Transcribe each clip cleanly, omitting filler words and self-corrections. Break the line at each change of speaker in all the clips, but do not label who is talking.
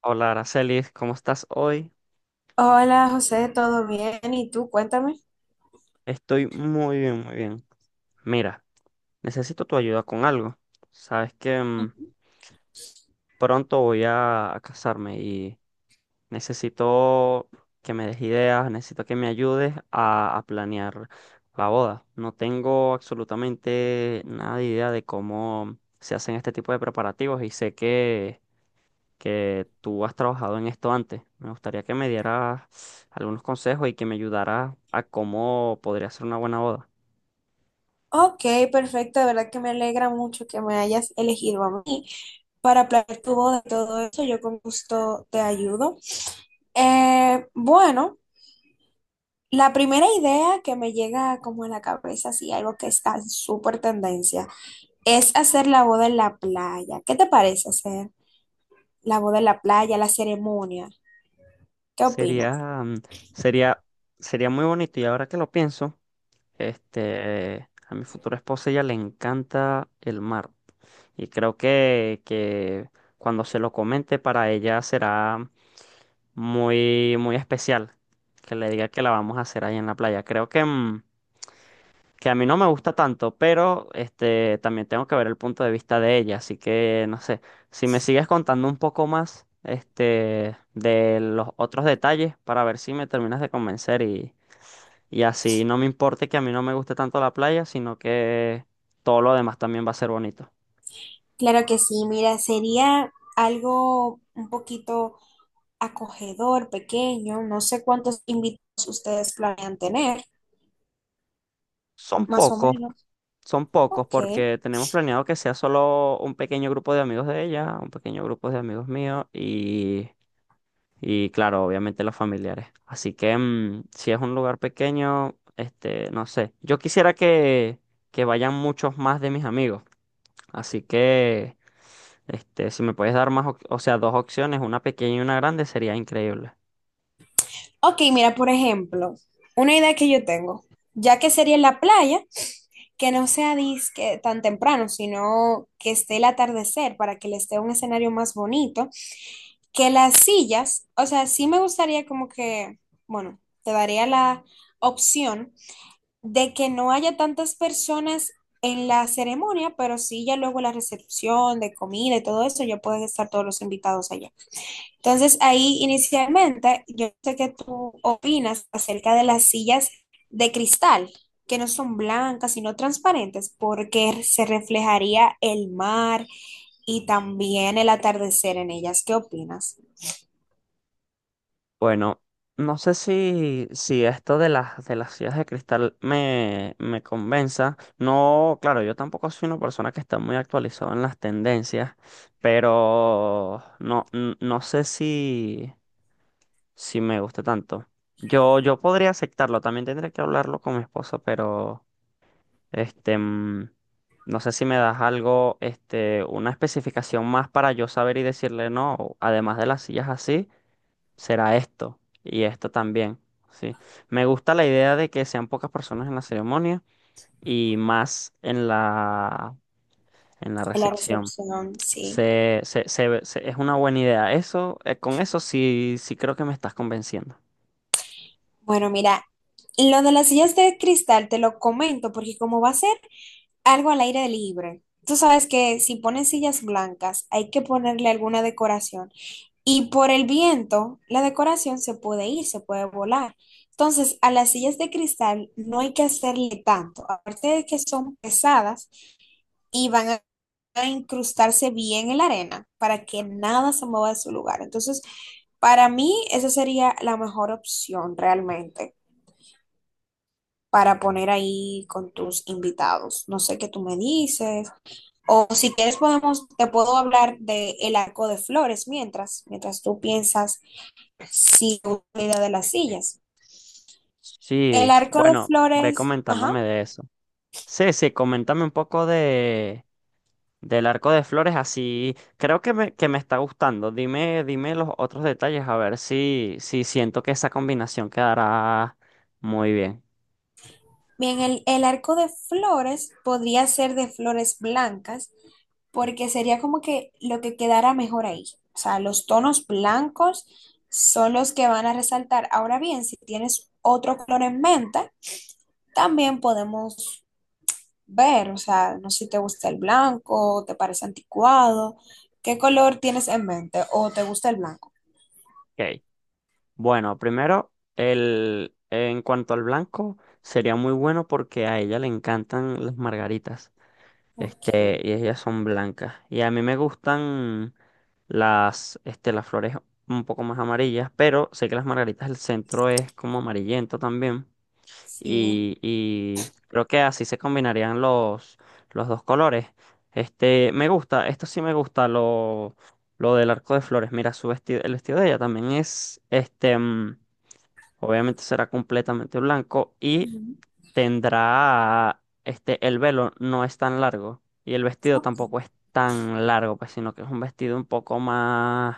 Hola, Aracelis, ¿cómo estás hoy?
Hola José, ¿todo bien? ¿Y tú? Cuéntame.
Estoy muy bien, muy bien. Mira, necesito tu ayuda con algo. Sabes que pronto voy a casarme y necesito que me des ideas, necesito que me ayudes a planear la boda. No tengo absolutamente nada de idea de cómo se hacen este tipo de preparativos y sé que tú has trabajado en esto antes. Me gustaría que me dieras algunos consejos y que me ayudaras a cómo podría ser una buena boda.
Ok, perfecto, de verdad que me alegra mucho que me hayas elegido a mí para planear tu boda y todo eso, yo con gusto te ayudo. Bueno, la primera idea que me llega como a la cabeza, así algo que está en súper tendencia, es hacer la boda en la playa. ¿Qué te parece hacer la boda en la playa, la ceremonia? ¿Qué opinas?
Sería, mm, sería, sería muy bonito y ahora que lo pienso, a mi futura esposa ella le encanta el mar y creo que cuando se lo comente para ella será muy, muy especial que le diga que la vamos a hacer ahí en la playa. Creo que que a mí no me gusta tanto, pero también tengo que ver el punto de vista de ella, así que no sé, si me sigues contando un poco más de los otros detalles para ver si me terminas de convencer y así no me importe que a mí no me guste tanto la playa, sino que todo lo demás también va a ser bonito.
Claro que sí, mira, sería algo un poquito acogedor, pequeño, no sé cuántos invitados ustedes planean tener,
Son
más o
pocos.
menos.
Son pocos
Ok.
porque tenemos planeado que sea solo un pequeño grupo de amigos de ella, un pequeño grupo de amigos míos. Y claro, obviamente los familiares. Así que si es un lugar pequeño, no sé. Yo quisiera que vayan muchos más de mis amigos. Así que, si me puedes dar más, o sea, dos opciones, una pequeña y una grande, sería increíble.
Ok, mira, por ejemplo, una idea que yo tengo, ya que sería en la playa, que no sea disque tan temprano, sino que esté el atardecer para que les dé un escenario más bonito, que las sillas, o sea, sí me gustaría como que, bueno, te daría la opción de que no haya tantas personas en la ceremonia, pero sí ya luego la recepción de comida y todo eso, ya pueden estar todos los invitados allá. Entonces, ahí inicialmente, yo sé que tú opinas acerca de las sillas de cristal, que no son blancas, sino transparentes, porque se reflejaría el mar y también el atardecer en ellas. ¿Qué opinas?
Bueno, no sé si esto de las sillas de cristal me convenza. No, claro, yo tampoco soy una persona que está muy actualizada en las tendencias, pero no, no sé si. Si me gusta tanto. Yo podría aceptarlo, también tendría que hablarlo con mi esposa, pero este, mm, no sé si me das algo, una especificación más para yo saber y decirle no, además de las sillas así, será esto y esto también, sí. Me gusta la idea de que sean pocas personas en la ceremonia y más en la
En la
recepción.
recepción, sí.
Es una buena idea. Eso, con eso sí, sí creo que me estás convenciendo.
Bueno, mira, lo de las sillas de cristal te lo comento porque como va a ser algo al aire libre. Tú sabes que si ponen sillas blancas, hay que ponerle alguna decoración. Y por el viento, la decoración se puede ir, se puede volar. Entonces, a las sillas de cristal no hay que hacerle tanto. Aparte de que son pesadas y van a incrustarse bien en la arena para que nada se mueva de su lugar. Entonces, para mí, esa sería la mejor opción realmente para poner ahí con tus invitados. No sé qué tú me dices. O si quieres podemos, te puedo hablar de el arco de flores mientras tú piensas si una idea de las sillas. El
Sí,
arco de
bueno, ve
flores, ajá,
comentándome de eso. Sí, sí, coméntame un poco de del arco de flores, así creo que me está gustando. Dime, dime los otros detalles, a ver si siento que esa combinación quedará muy bien.
bien, el arco de flores podría ser de flores blancas porque sería como que lo que quedara mejor ahí. O sea, los tonos blancos son los que van a resaltar. Ahora bien, si tienes otro color en mente, también podemos ver, o sea, no sé si te gusta el blanco, te parece anticuado, ¿qué color tienes en mente o te gusta el blanco?
Ok. Bueno, primero, en cuanto al blanco, sería muy bueno porque a ella le encantan las margaritas.
Ok,
Y ellas son blancas. Y a mí me gustan las flores un poco más amarillas, pero sé que las margaritas del centro es como amarillento también.
sí.
Y creo que así se combinarían los dos colores. Me gusta, esto sí me gusta, lo del arco de flores. Mira, su vestido, el vestido de ella también es, obviamente será completamente blanco y
Ujú,
tendrá, el velo no es tan largo y el vestido tampoco
ok.
es tan largo, pues, sino que es un vestido un poco más,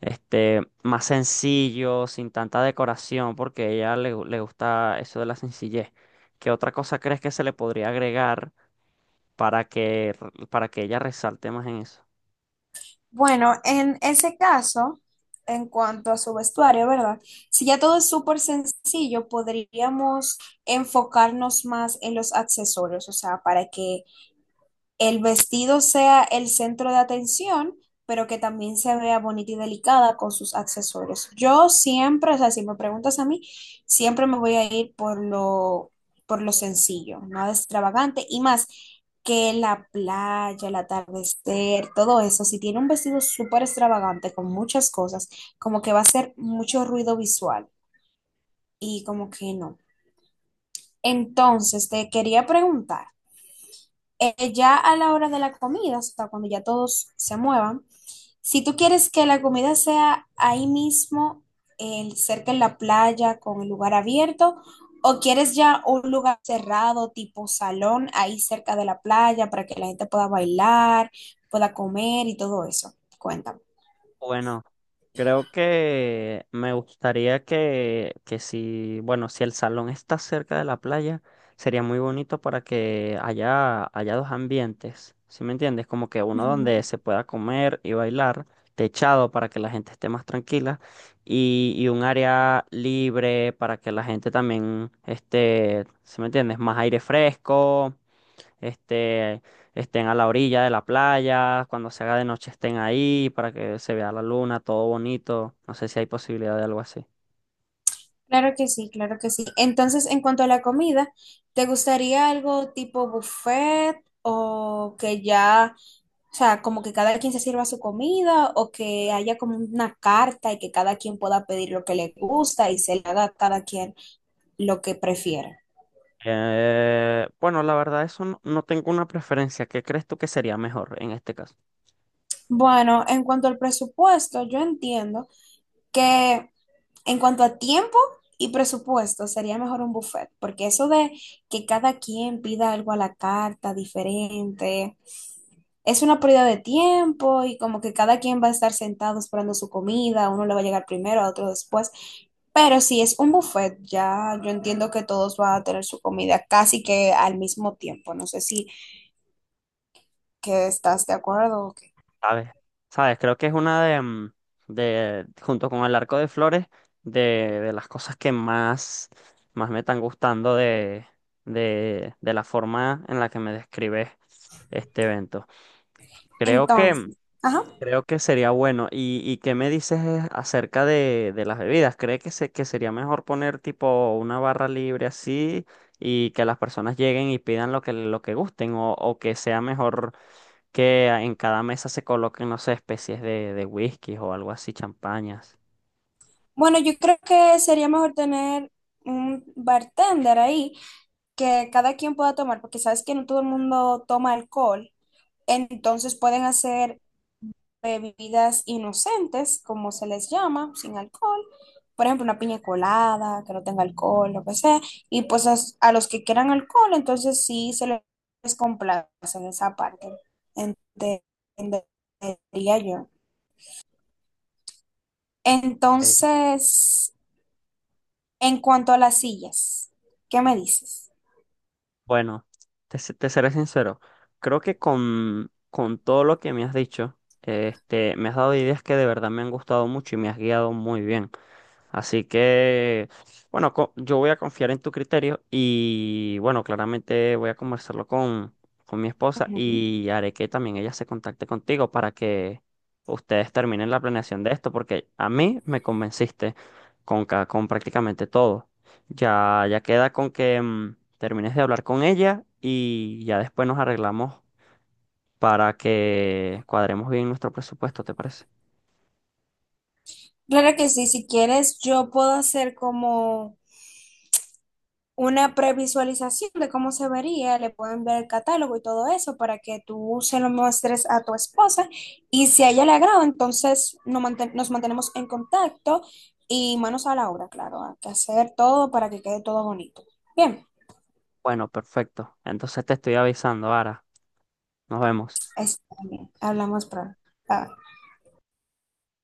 este, más sencillo, sin tanta decoración, porque a ella le gusta eso de la sencillez. ¿Qué otra cosa crees que se le podría agregar para que, para que ella resalte más en eso?
Bueno, en ese caso, en cuanto a su vestuario, ¿verdad? Si ya todo es súper sencillo, podríamos enfocarnos más en los accesorios, o sea, para que el vestido sea el centro de atención, pero que también se vea bonita y delicada con sus accesorios. Yo siempre, o sea, si me preguntas a mí, siempre me voy a ir por lo sencillo, nada extravagante y más que la playa, el atardecer, todo eso. Si tiene un vestido súper extravagante con muchas cosas, como que va a hacer mucho ruido visual y como que no. Entonces, te quería preguntar ya a la hora de la comida, o sea, cuando ya todos se muevan, si tú quieres que la comida sea ahí mismo, cerca en la playa, con el lugar abierto, o quieres ya un lugar cerrado, tipo salón, ahí cerca de la playa, para que la gente pueda bailar, pueda comer y todo eso. Cuéntame.
Bueno, creo que me gustaría que si, bueno, si el salón está cerca de la playa, sería muy bonito para que haya dos ambientes, ¿sí me entiendes? Como que uno
Ujú.
donde se pueda comer y bailar, techado para que la gente esté más tranquila, y un área libre para que la gente también esté, ¿sí me entiendes? Más aire fresco, este, estén a la orilla de la playa, cuando se haga de noche estén ahí para que se vea la luna, todo bonito. No sé si hay posibilidad de algo así.
Claro que sí, claro que sí. Entonces, en cuanto a la comida, ¿te gustaría algo tipo buffet o que ya, o sea, como que cada quien se sirva su comida o que haya como una carta y que cada quien pueda pedir lo que le gusta y se le haga a cada quien lo que prefiera?
Bueno, la verdad, eso no, no tengo una preferencia. ¿Qué crees tú que sería mejor en este caso?
Bueno, en cuanto al presupuesto, yo entiendo que en cuanto a tiempo y presupuesto sería mejor un buffet, porque eso de que cada quien pida algo a la carta diferente, es una pérdida de tiempo y como que cada quien va a estar sentado esperando su comida, a uno le va a llegar primero, a otro después. Pero si es un buffet, ya yo entiendo que todos van a tener su comida casi que al mismo tiempo. No sé si que estás de acuerdo o qué.
¿Sabes? ¿Sabes? Creo que es una de junto con el arco de flores, de las cosas que más me están gustando de la forma en la que me describes este evento. Creo que mm,
Entonces, ajá.
Creo que sería bueno. ¿Y qué me dices es acerca de las bebidas? ¿Cree que sería mejor poner tipo una barra libre así y que las personas lleguen y pidan lo que gusten? ¿O que sea mejor que en cada mesa se coloquen, no sé, especies de whisky o algo así, champañas?
Bueno, yo creo que sería mejor tener un bartender ahí que cada quien pueda tomar, porque sabes que no todo el mundo toma alcohol. Entonces pueden hacer bebidas inocentes, como se les llama, sin alcohol. Por ejemplo, una piña colada, que no tenga alcohol, lo que sea. Y pues a los que quieran alcohol, entonces sí se les complace en esa parte. Entendería yo.
Eh,
Entonces, en cuanto a las sillas, ¿qué me dices?
Bueno, te seré sincero. Creo que con todo lo que me has dicho, me has dado ideas que de verdad me han gustado mucho y me has guiado muy bien. Así que, bueno, yo voy a confiar en tu criterio y, bueno, claramente voy a conversarlo con mi esposa
Ujú.
y haré que también ella se contacte contigo para que ustedes terminen la planeación de esto, porque a mí me convenciste con prácticamente todo. Ya queda con que termines de hablar con ella y ya después nos arreglamos para que cuadremos bien nuestro presupuesto, ¿te parece?
Claro que sí, si quieres, yo puedo hacer como una previsualización de cómo se vería, le puedo enviar el catálogo y todo eso para que tú se lo muestres a tu esposa y si a ella le agrada, entonces nos, manten- nos mantenemos en contacto y manos a la obra, claro, hay que hacer todo para que quede todo bonito. Bien,
Bueno, perfecto. Entonces te estoy avisando, Ara. Nos vemos.
está bien, hablamos pronto. Bye.